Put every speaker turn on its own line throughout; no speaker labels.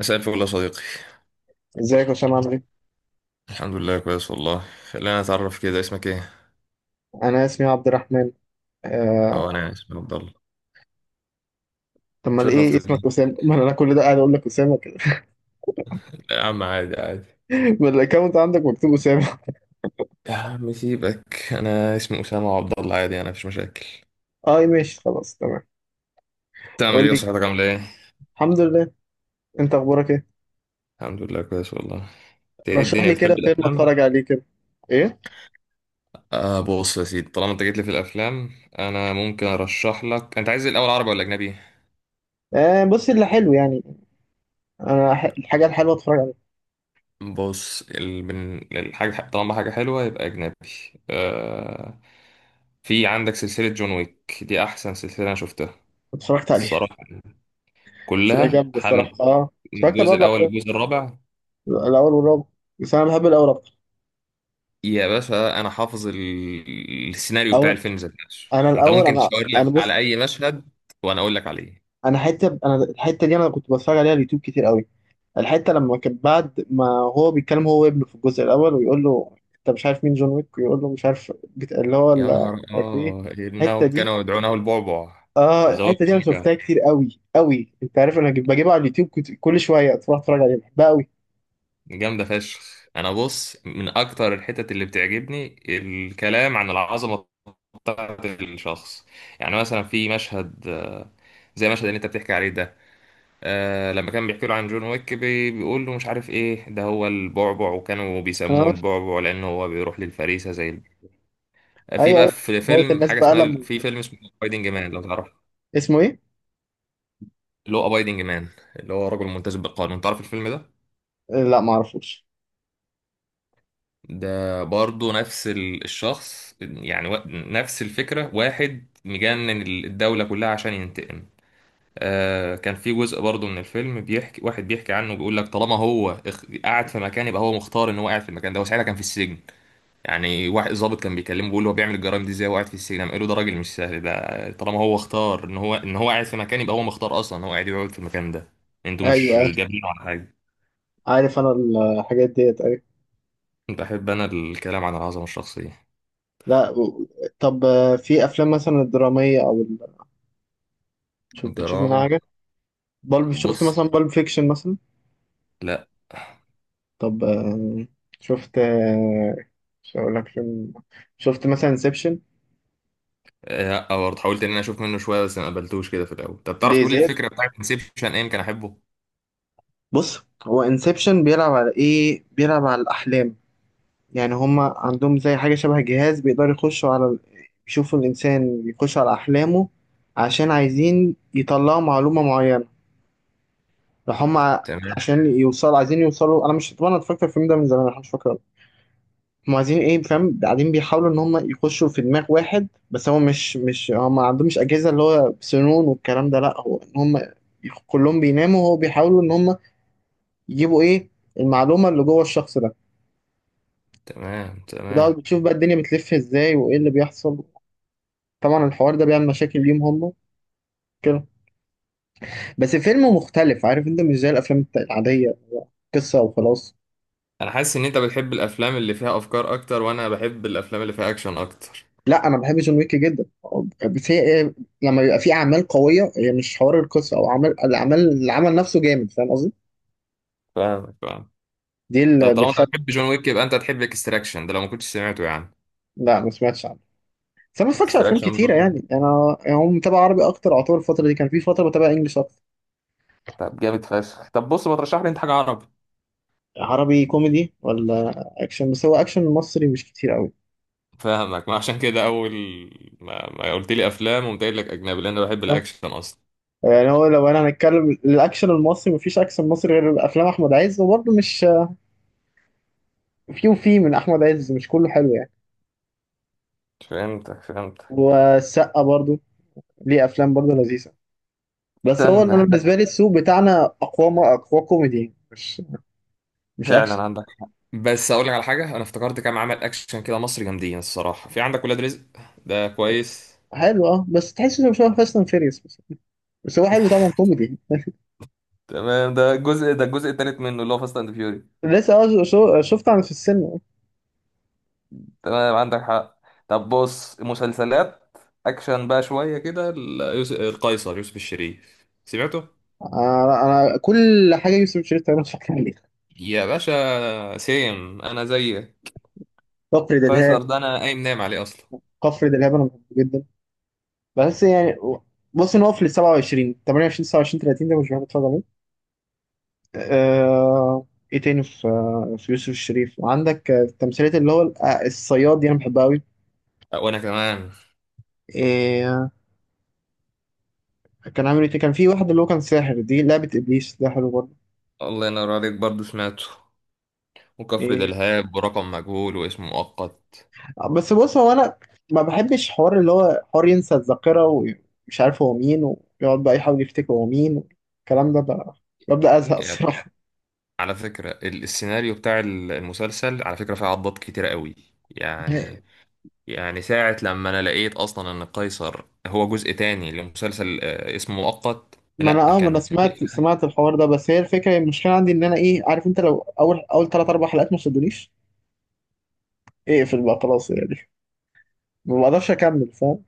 مساء الفل يا صديقي.
ازيك يا هشام عامل ايه؟
الحمد لله كويس والله. خلينا نتعرف كده، اسمك ايه؟
انا اسمي عبد الرحمن.
اه
آه...
انا يعني اسمي عبد الله.
طب ما ايه
شرفت
اسمك
بيه.
اسامه؟ ما انا كل ده قاعد اقول لك اسامه كده.
لا يا عم، عادي عادي.
ما الاكونت عندك مكتوب اسامه.
يا عم سيبك، انا اسمي اسامه عبد الله، عادي، انا مفيش مشاكل.
اه ماشي خلاص تمام.
تعمل
قول
ايه؟
لي،
وصحتك عامله ايه؟
الحمد لله. انت اخبارك ايه؟
الحمد لله كويس والله، انت؟ ايه
رشح
الدنيا،
لي كده
بتحب
فيلم
الافلام؟
اتفرج عليه كده. ايه؟
بص يا سيدي، طالما انت جيت لي في الافلام، انا ممكن ارشح لك. انت عايز الاول عربي ولا اجنبي؟
آه بص اللي حلو يعني، الحاجه الحلوه اتفرج عليها.
بص، من الحاجة، طالما حاجة حلوة يبقى أجنبي. آه... في عندك سلسلة جون ويك، دي أحسن سلسلة أنا شفتها
اتفرجت عليها،
الصراحة.
بس هي جامده الصراحه
من
اه. اتفرجت على
الجزء
الرابع
الأول
بتاعي،
للجزء الرابع.
الاول والرابع، بس انا بحب الاول اكتر.
يا باشا أنا حافظ السيناريو بتاع
اول
الفيلم ذات نفسه.
انا
أنت
الاول
ممكن
انا
تشاور لي
انا بص
على أي مشهد وأنا أقول لك عليه.
انا حته انا الحته دي انا كنت بتفرج عليها على اليوتيوب كتير قوي. الحته لما كان بعد ما هو بيتكلم هو وابنه في الجزء الاول، ويقول له انت مش عارف مين جون ويك، ويقول له مش عارف
يا
مش
نهار،
عارف ايه. الحته
إنه
دي،
كانوا يدعونه البعبع.
اه
زواج
الحته دي انا
النجا،
شفتها كتير قوي قوي. انت عارف انا بجيبها على اليوتيوب، كنت كل شويه تروح اتفرج عليها بحبها قوي.
جامدة فشخ. أنا بص، من أكتر الحتت اللي بتعجبني الكلام عن العظمة بتاعت الشخص. يعني مثلا في مشهد، زي المشهد اللي أنت بتحكي عليه ده. لما كان بيحكي له عن جون ويك، بيقول له مش عارف إيه، ده هو البعبع، وكانوا
اه
بيسموه البعبع لأنه هو بيروح للفريسة زي في
ايوه
بقى،
ايوه،
في
موت
فيلم
الناس
حاجة
بقى
اسمها،
لما
في فيلم اسمه أبايدنج مان، لو تعرف.
اسمه ايه؟
اللي هو أبايدنج مان، اللي هو رجل ملتزم بالقانون، تعرف الفيلم ده؟
لا ما اعرفوش.
ده برضه نفس الشخص يعني، نفس الفكرة، واحد مجنن الدولة كلها عشان ينتقم. كان في جزء برضه من الفيلم بيحكي، واحد بيحكي عنه، بيقول لك طالما هو قاعد في مكان، يبقى هو مختار ان هو قاعد في المكان ده، وساعتها كان في السجن. يعني واحد ضابط كان بيكلمه بيقول له هو بيعمل الجرائم دي ازاي وقاعد في السجن، قام قال له ده راجل مش سهل، ده طالما هو اختار ان هو قاعد في مكان، يبقى هو مختار اصلا ان هو قاعد يقعد في المكان ده. انتوا
ايوه
مش
أيوة،
جابينه على حاجة.
عارف انا الحاجات ديت ايوه.
بحب انا الكلام عن العظمة الشخصية.
لا و- طب في افلام مثلا الدراميه او شوف بتشوف منها
دراما.
حاجه؟ شفت
بص.
مثلا بالب فيكشن مثلا؟
لا.
طب شفت مش هقول لك فيلم، شفت مثلا انسبشن؟
برضه حاولت ان انا اشوف منه شويه، بس ما قبلتوش كده في الاول. طب تعرف
ليه
تقولي
زياد.
الفكره بتاعت انسبشن ايه، يمكن احبه.
بص هو انسبشن بيلعب على ايه، بيلعب على الاحلام. يعني هما عندهم زي حاجه شبه جهاز بيقدروا يخشوا على يشوفوا الانسان، يخش على احلامه عشان عايزين يطلعوا معلومه معينه. راح هما ع-
تمام.
عشان يوصلوا، عايزين يوصلوا. انا مش، طبعا أنا اتفرجت على الفيلم ده من زمان، انا مش فاكره هم عايزين ايه، فاهم؟ قاعدين بيحاولوا ان هم يخشوا في دماغ واحد، بس هو مش هم، ما عندهمش اجهزه اللي هو سنون والكلام ده، لا هو ان هم كلهم بيناموا، وهو بيحاولوا ان هم يجيبوا ايه، المعلومه اللي جوه الشخص ده.
تمام.
وده
تمام.
بتشوف بقى الدنيا بتلف ازاي وايه اللي بيحصل. طبعا الحوار ده بيعمل مشاكل ليهم هم كده. بس فيلم مختلف، عارف؟ انت مش زي الافلام العاديه، هو قصه وخلاص.
انا حاسس ان انت بتحب الافلام اللي فيها افكار اكتر، وانا بحب الافلام اللي فيها اكشن اكتر.
لا انا بحب جون ويك جدا، بس هي لما بيبقى في اعمال قويه، هي مش حوار القصه او عمل الاعمال، العمل نفسه جامد، فاهم قصدي؟
فاهمك، فاهم.
دي اللي
طب طالما انت
بتخلي.
بتحب جون ويك، يبقى انت تحب اكستراكشن ده لو ما كنتش سمعته يعني.
لا ما سمعتش عنه. بس انا ما بتفرجش على افلام
اكستراكشن
كتيره
برضه.
يعني، انا يعني هم متابع عربي اكتر. اعتبر الفتره دي كان في فتره بتابع انجلش اكتر.
طب جامد فشخ. طب بص، ما ترشح لي انت حاجه عربي.
عربي كوميدي ولا اكشن؟ بس هو اكشن مصري مش كتير قوي.
فاهمك، ما عشان كده اول ما قلت لي افلام وقمت قايل لك اجنبي، لان انا بحب
أه؟
الاكشن اصلا.
يعني هو لو انا هنتكلم الاكشن المصري، مفيش اكشن مصري غير افلام احمد عز، وبرضه مش، في وفي، من احمد عز مش كله حلو يعني.
فهمتك فهمتك.
والسقا برضه ليه افلام برضه لذيذه. بس هو
استنى.
انا بالنسبه لي السوق بتاعنا اقوى، ما اقوى كوميدي مش اكشن.
فعلا عندك حق، بس اقول لك على حاجه، انا افتكرت كام عمل اكشن كده مصري جامدين الصراحه، في عندك ولاد رزق، ده كويس.
حلو اه، بس تحس انه شبه فاست اند فيريوس بس، بس هو حلو طبعا كوميدي.
تمام. ده الجزء، الجزء التالت منه اللي هو فاست اند فيوري.
لسه اه، شفت عن في السينما.
تمام عندك حق. طب بص، مسلسلات اكشن بقى شويه كده، القيصر، يوسف الشريف، سمعته؟
انا، كل حاجه يوسف شريف تقريبا اتفرجت عليها.
يا باشا سيم، انا زيك.
كفر دلهاب،
قيصر ده انا قايم نايم عليه اصلا.
كفر دلهاب انا بحبه جدا، بس يعني بص ان هو في ال 27 28 29 30 ده مش بحب اتفرج عليه. آه، ايه تاني في، في يوسف الشريف عندك تمثيلات اللي هو الصياد دي انا بحبها
أه، وانا كمان.
قوي. كان عامل ايه تاني؟ كان في واحد اللي هو كان ساحر، دي لعبة ابليس، ده حلو برضه.
الله ينور عليك، برضه سمعته، وكفر
ايه
دلهاب ورقم مجهول واسم مؤقت.
بس بص، هو انا ما بحبش حوار اللي هو حوار ينسى الذاكرة ومش عارف هو مين، ويقعد بقى يحاول يفتكر هو مين، الكلام ده بقى ببدأ ازهق الصراحة.
على فكرة السيناريو بتاع المسلسل على فكرة فيه عضات كتيرة قوي. يعني يعني ساعة لما أنا لقيت أصلا إن قيصر هو جزء تاني لمسلسل اسمه مؤقت.
ما انا
لأ
اه، ما انا
كان.
سمعت الحوار ده، بس هي الفكرة المشكلة عندي ان انا ايه، عارف؟ انت لو اول ثلاث اربع حلقات ما شدونيش، اقفل بقى خلاص يعني، ما بقدرش اكمل فاهم.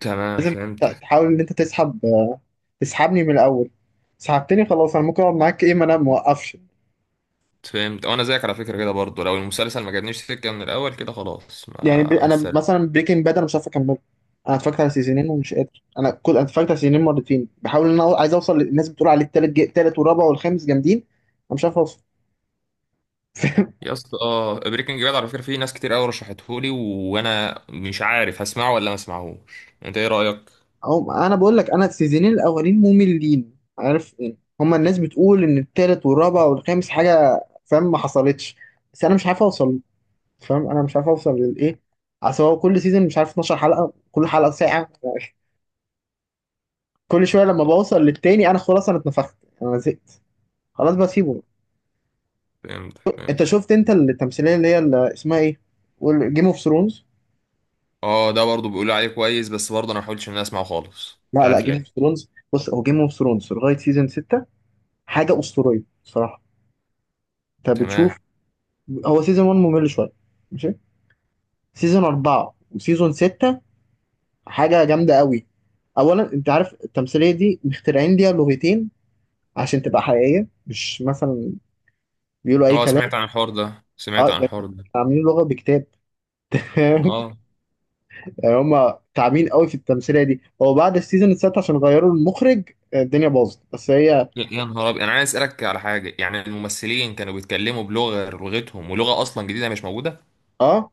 تمام فهمتك
تحاول ان انت تسحب تسحبني من الاول، سحبتني خلاص، انا ممكن اقعد معاك. ايه، ما انا موقفش.
فهمت. وأنا زيك على فكرة كده برضه، لو المسلسل ما جابنيش سكة من الأول كده خلاص مع
يعني انا
السلامة.
مثلا بريكنج باد انا مش عارف اكمله. انا اتفرجت على سيزونين ومش قادر، انا اتفرجت على سيزونين مرتين، بحاول ان انا عايز اوصل، للناس بتقول عليه التالت التالت والرابع والخامس جامدين، انا مش عارف اوصل.
يا اسطى، بريكنج باد على فكرة فيه ناس كتير قوي رشحتهولي، وأنا مش عارف هسمعه ولا ما اسمعهوش، أنت إيه رأيك؟
انا بقول لك، انا السيزونين الاولين مملين، عارف يعني؟ هما الناس بتقول ان التالت والرابع والخامس حاجه، فاهم؟ ما حصلتش، بس انا مش عارف اوصل، فاهم؟ انا مش عارف اوصل للايه. اصل هو كل سيزون مش عارف 12 حلقه، كل حلقه ساعه. كل شويه لما بوصل للتاني انا خلاص، انا اتنفخت انا زهقت، خلاص بسيبه.
فهمتك
انت
فهمت.
شفت انت التمثيليه اللي هي اللي اسمها ايه، جيم اوف ثرونز؟
اه، ده برضه بيقولوا عليه كويس، بس برضه انا ما حاولتش ان انا اسمعه خالص، مش
لا
عارف
جيم اوف
ليه.
ثرونز بص، هو جيم اوف ثرونز لغايه سيزون 6 حاجه اسطوريه بصراحه. انت
تمام.
بتشوف، هو سيزون 1 ممل شويه، ماشي، سيزون 4 وسيزون 6 حاجه جامده قوي. اولا انت عارف التمثيليه دي مخترعين ليها لغتين عشان تبقى حقيقيه، مش مثلا بيقولوا اي
اه،
كلام.
سمعت عن الحوار ده، سمعت
اه
عن
ده،
الحوار ده.
عاملين لغه بكتاب.
اه.
يعني هم تعبين قوي في التمثيليه دي. هو بعد السيزون السادس عشان غيروا المخرج الدنيا باظت، بس هي
يا نهار ابيض، انا عايز اسالك على حاجه، يعني الممثلين كانوا بيتكلموا بلغه غير لغتهم، ولغه اصلا جديده مش موجوده؟
اه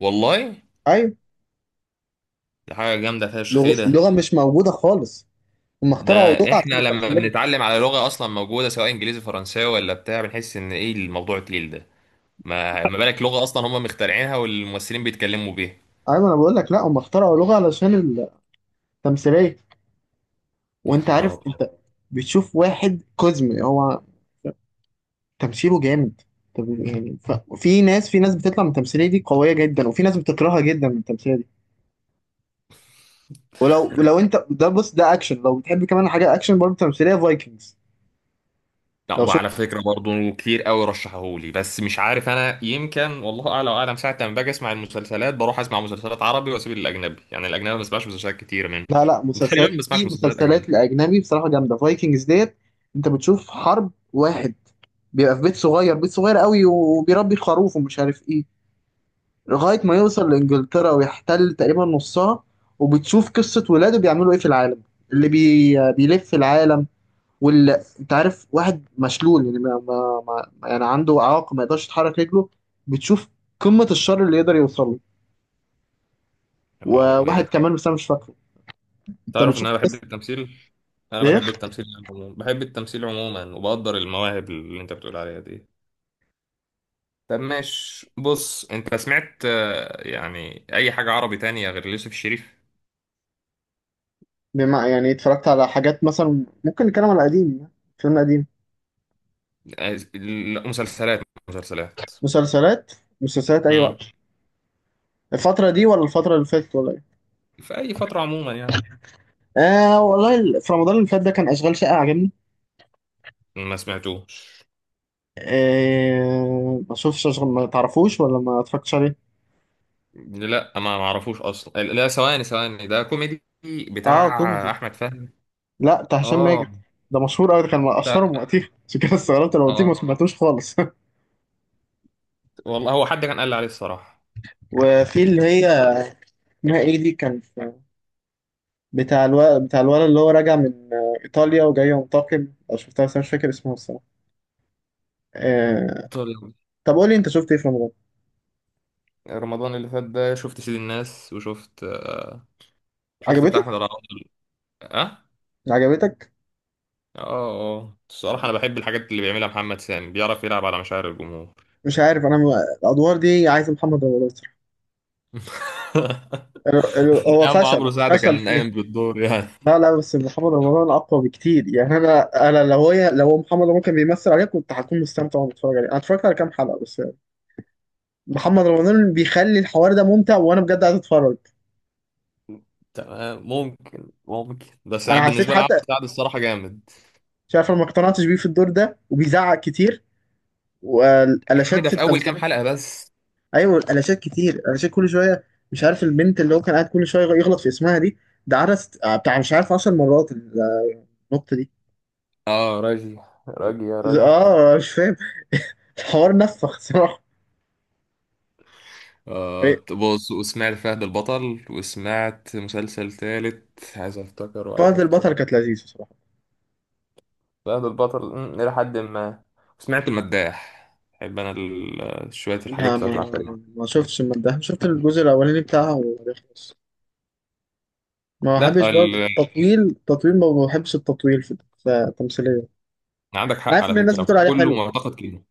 والله؟
ايوه،
دي حاجه جامده فشخ، ايه ده.
لغه مش موجوده خالص، هم
ده
اخترعوا لغه
احنا لما
تمثيليه.
بنتعلم على لغه اصلا موجوده، سواء انجليزي فرنساوي ولا بتاع، بنحس ان ايه الموضوع التقيل ده، ما بالك لغه اصلا هم مخترعينها والممثلين بيتكلموا بيها.
ايوه انا بقول لك، لا هم اخترعوا لغه علشان التمثيليه.
يا
وانت عارف
نهار.
انت بتشوف واحد كوزمي، هو تمثيله جامد. طب يعني في ناس بتطلع من التمثيليه دي قويه جدا، وفي ناس بتكرهها جدا من التمثيليه دي. ولو انت ده بص، ده اكشن لو بتحب، كمان حاجه اكشن برضه تمثيليه فايكنجز.
لا،
لو
وعلى فكرة برضه كتير قوي رشحهولي، بس مش عارف انا، يمكن والله اعلى واعلم، ساعة لما باجي اسمع المسلسلات بروح اسمع مسلسلات عربي واسيب الاجنبي، يعني الاجنبي ما بسمعش مسلسلات كتير منه.
لا لا،
تقريبا
مسلسلات
ما بسمعش
دي
مسلسلات
مسلسلات
اجنبي.
الأجنبي بصراحة جامدة، فايكنجز ديت. أنت بتشوف حرب واحد بيبقى في بيت صغير قوي، وبيربي خروف ومش عارف إيه، لغاية ما يوصل لإنجلترا ويحتل تقريبا نصها. وبتشوف قصة ولاده بيعملوا إيه في العالم، بيلف في العالم، واللي أنت عارف واحد مشلول، يعني ما... ما... ما... يعني عنده إعاقة ما يقدرش يتحرك رجله. بتشوف قمة الشر اللي يقدر يوصل له.
اه، وايه
وواحد
ده.
كمان بس أنا مش فاكره. أنت
تعرف ان
بتشوف
انا بحب
قصة.
التمثيل، انا
إيه؟
بحب التمثيل عموما، بحب التمثيل عموما، وبقدر المواهب اللي انت بتقول عليها دي. طب ماشي، بص، انت سمعت، يعني اي حاجة عربي تانية غير يوسف الشريف؟
بما يعني اتفرجت على حاجات، مثلا ممكن نتكلم على قديم، فيلم قديم؟
لا، مسلسلات. مسلسلات.
مسلسلات، مسلسلات أي وقت،
امم
الفترة دي ولا الفترة اللي فاتت ولا إيه؟
في اي فترة عموما يعني.
آه والله في رمضان اللي فات ده كان أشغال شقة عجبني.
ما سمعتوش.
آه ما شوفش أشغال، ما تعرفوش ولا ما اتفرجتش عليه؟
لا، ما اعرفوش اصلا، لا ثواني ثواني، ده كوميدي
آه
بتاع
كوميدي،
احمد فهمي؟
لا بتاع هشام
اه.
ماجد. ده مشهور أوي، ده كان من
لا
أشهرهم وقتها. عشان كده استغربت لو قلتيه ما
اه
سمعتوش خالص.
والله، هو حد كان قال لي عليه الصراحه.
وفي اللي هي اسمها إيه دي، بتاع الولد، بتاع الولد اللي هو راجع من إيطاليا وجاي ينتقم. أو شفتها بس أنا مش فاكر اسمها الصراحة. آه،
طول.
طب قول لي انت شفت ايه في رمضان.
رمضان اللي فات ده شفت سيد الناس، وشفت شفت بتاع احمد
عجبتك؟
رمضان. اه.
عجبتك؟
اه. اه الصراحه، انا بحب الحاجات اللي بيعملها محمد سامي، بيعرف يلعب على مشاعر الجمهور.
مش عارف انا الادوار دي عايز محمد رمضان صراحة. هو
ايام
فشل
عمرو سعد
فشل
كان
فيها.
قايم بالدور يعني.
لا لا، بس محمد رمضان اقوى بكتير يعني. انا لو هي، لو محمد رمضان كان بيمثل عليه كنت هكون مستمتع وانا بتفرج عليه. انا اتفرجت على كام حلقه بس يعني. محمد رمضان بيخلي الحوار ده ممتع، وانا بجد عايز اتفرج.
تمام، ممكن بس
انا
يعني،
حسيت
بالنسبه لعمرو
حتى،
سعد الصراحه جامد.
شايف انا ما اقتنعتش بيه في الدور ده، وبيزعق كتير
يا عم
والالاشات
ده
في
في اول كام
التمثيل.
حلقة بس.
ايوه الالاشات كتير، الالاشات كل شويه. مش عارف البنت اللي هو كان قاعد كل شويه يغلط في اسمها دي، ده عرس بتاع مش عارف 10 مرات النقطه دي.
اه، راجي. راجي يا راجي.
اه مش فاهم، الحوار نفخ صراحه. إيه،
بص، وسمعت فهد البطل، وسمعت مسلسل تالت عايز افتكر وعايز
فهد
افتكر.
البطل كانت لذيذه صراحه.
فهد البطل إلى حد ما. سمعت المداح، بحب انا شوية الحاجات
لا
بتاعت
ما
العفاريت.
ما شفتش من ده، شفت الجزء الاولاني بتاعها وخلاص. ما بحبش
لا،
برضه التطويل، تطويل ما بحبش التطويل في، في التمثيليه.
عندك
انا
حق
عارف
على
ان الناس
فكرة،
بتقول
كان
عليه
كله
حلو.
معتقد كده.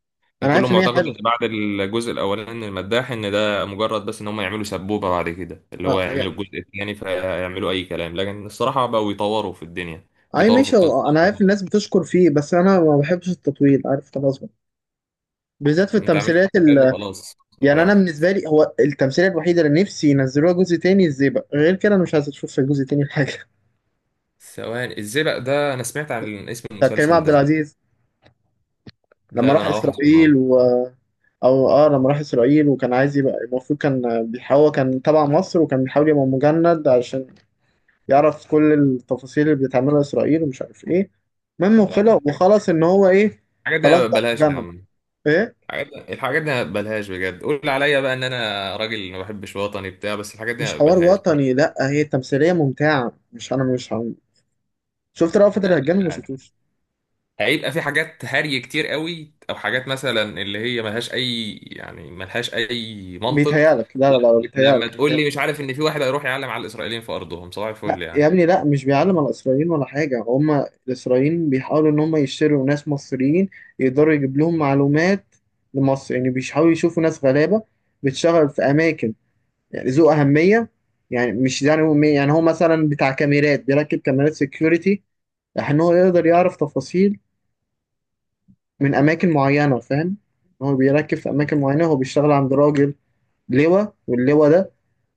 كان
انا
كله
عارف ان هي
معتقد
حلوه،
ان بعد الجزء الاولاني من المداح ان ده مجرد بس ان هم يعملوا سبوبه، بعد كده اللي
اه
هو يعملوا
يعني.
الجزء الثاني فيعملوا اي كلام، لكن الصراحه بقوا يطوروا في الدنيا،
اي
بيطوروا في
ماشي،
القصه.
انا عارف الناس بتشكر فيه، بس انا ما بحبش التطويل، عارف؟ خلاص بقى، بالذات في
انت عملت
التمثيليات
حاجه حلوه خلاص.
يعني
على
انا
واحد.
بالنسبه لي هو التمثيليه الوحيده اللي نفسي ينزلوها جزء تاني الزيبق، غير كده انا مش عايز اشوف في جزء تاني حاجه.
ثواني، الزئبق ده انا سمعت عن اسم
بتاعت كريم
المسلسل
عبد
ده.
العزيز. لما
لا، ده
راح
انا هروح
اسرائيل
اسمعه.
و، او اه لما راح اسرائيل وكان عايز يبقى، المفروض كان بيحاول، كان تبع مصر وكان بيحاول يبقى مجند عشان يعرف كل التفاصيل اللي بتعملها اسرائيل ومش عارف ايه. المهم
يا عم
وخلص،
الحاجات،
وخلص ان هو ايه،
الحاجات دي
خلاص
أنا
بقى
بلاش. يا
مجند.
عم
ايه
الحاجات دي، أنا بلاش بجد، قول عليا بقى ان انا راجل ما بحبش وطني بتاع، بس الحاجات دي
مش
أنا
حوار
بلاش.
وطني، لا هي تمثيليه ممتعه، مش انا مش شفت رأفت الهجان ولا ما شفتوش؟
هيبقى في حاجات هري كتير قوي، او حاجات مثلا اللي هي ملهاش اي يعني، ملهاش اي منطق.
بيتهيألك، لا لا
لا،
لا
لما
بيتهيألك،
تقول
بيتهيألك.
لي مش عارف ان في واحد هيروح يعلم على الاسرائيليين في ارضهم، صباح الفل
يا
يعني.
ابني لا، مش بيعلم على الإسرائيليين ولا حاجة. هما الإسرائيليين بيحاولوا إن هما يشتروا ناس مصريين يقدروا يجيب لهم معلومات لمصر. يعني بيحاولوا يشوفوا ناس غلابة بتشتغل في أماكن يعني ذو أهمية. يعني مش يعني هو، يعني هو مثلا بتاع كاميرات، بيركب كاميرات سيكيورتي عشان هو يقدر يعرف تفاصيل من أماكن معينة، فاهم؟ هو بيركب في
فهمت-
أماكن معينة، هو بيشتغل عند راجل لواء، واللواء ده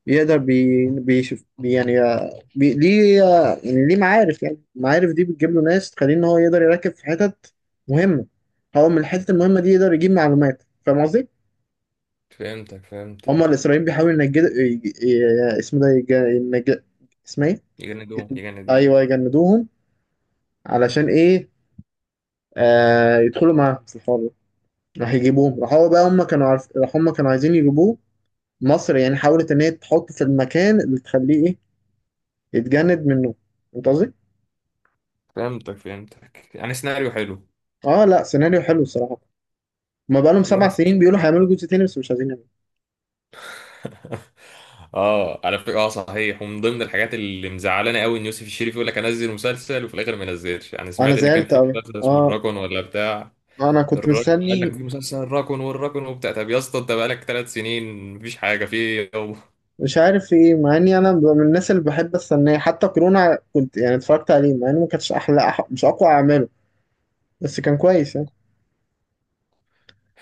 يقدر بيشوف يعني بي ليه يعني ليه معارف، يعني المعارف دي بتجيب له ناس تخليه ان هو يقدر يركز في حتت مهمه. هو من الحتت المهمه دي يقدر يجيب معلومات، فاهم قصدي؟
فهمتك
هما
فهمتك.
الاسرائيليين بيحاولوا ي- اسمه ده ينجد، اسمها ايه؟ يت-
يجندوه يجندوه.
ايوه يجندوهم. علشان ايه؟ آه يدخلوا معاهم في الحوار ده. راح يجيبوهم راح هو بقى هما كانوا عارف، هما كانوا عايزين يجيبوه مصر يعني، حاولت ان هي تحطه في المكان اللي تخليه ايه، يتجند منه، انت قصدي؟
فهمتك فهمتك، يعني سيناريو حلو.
اه لا، سيناريو حلو الصراحه. ما بقالهم
طب
سبع
جامد فشخ.
سنين بيقولوا هيعملوا جزء تاني، بس مش عايزين يعملوا.
اه على فكره، اه صحيح، ومن ضمن الحاجات اللي مزعلانه قوي، ان يوسف الشريف يقول لك انزل مسلسل وفي الاخر ما ينزلش، يعني
انا
سمعت ان كان
زعلت
في
قوي
مسلسل اسمه
اه،
الراكون ولا بتاع.
انا كنت
الراجل قال لك
مستني.
في مسلسل الراكون، والراكون، وبتاع، طب يا اسطى انت بقالك ثلاث سنين مفيش حاجه، في إيه؟ هو.
مش عارف في ايه، مع اني انا من الناس اللي بحب استناه. حتى كورونا كنت يعني اتفرجت عليه، مع انه ما كانش احلى، مش اقوى اعماله، بس كان كويس يعني.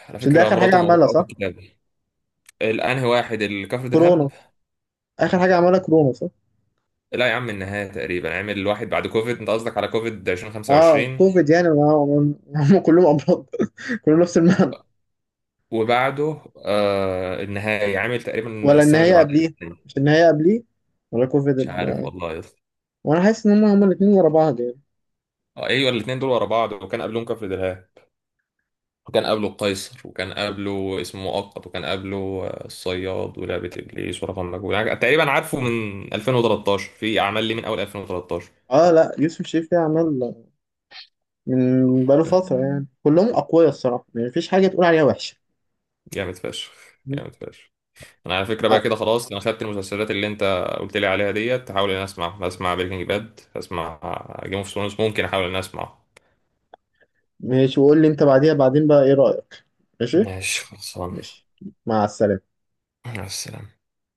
على
عشان ده
فكره
اخر حاجه
مراته
عملها،
موجوده في
صح؟
الكتاب. الانهي واحد، الكفر
كورونا
دلهاب؟
اخر حاجه عملها كورونا صح.
لا يا عم، النهايه تقريبا عامل واحد بعد كوفيد، انت قصدك على كوفيد؟
اه
2025
كوفيد، يعني ما هم كلهم امراض. كلهم نفس المعنى.
وبعده النهايه، عامل تقريبا
ولا
السنه اللي
النهايه
بعدها
قبليه؟
النهاية.
مش النهايه قبليه؟ ولا كوفيد
مش عارف والله يا اسطى.
وانا حاسس ان هم هما الاثنين ورا بعض يعني.
ايوه، الاثنين دول ورا بعض، وكان قبلهم كفر دلهاب، وكان قبله القيصر، وكان قبله اسمه مؤقت، وكان قبله الصياد ولعبة إبليس ورقم مجهول، يعني تقريبا عارفه من 2013، في أعمال ليه من أول 2013.
اه لا يوسف شريف ليه اعمال من بقاله فترة يعني، كلهم أقوياء الصراحة، يعني مفيش حاجة تقول عليها وحشة.
جامد فشخ. جامد فشخ. أنا على فكرة بقى
أه.
كده خلاص، أنا خدت المسلسلات اللي أنت قلت لي عليها ديت. هحاول إن أنا أسمع، هسمع بريكنج باد، هسمع جيم اوف ثرونز، ممكن أحاول إن أنا أسمعه.
ماشي وقول لي أنت بعديها بعدين بقى إيه رأيك. ماشي.
ماشي خلصان.
ماشي، مع السلامة.
مع السلامة.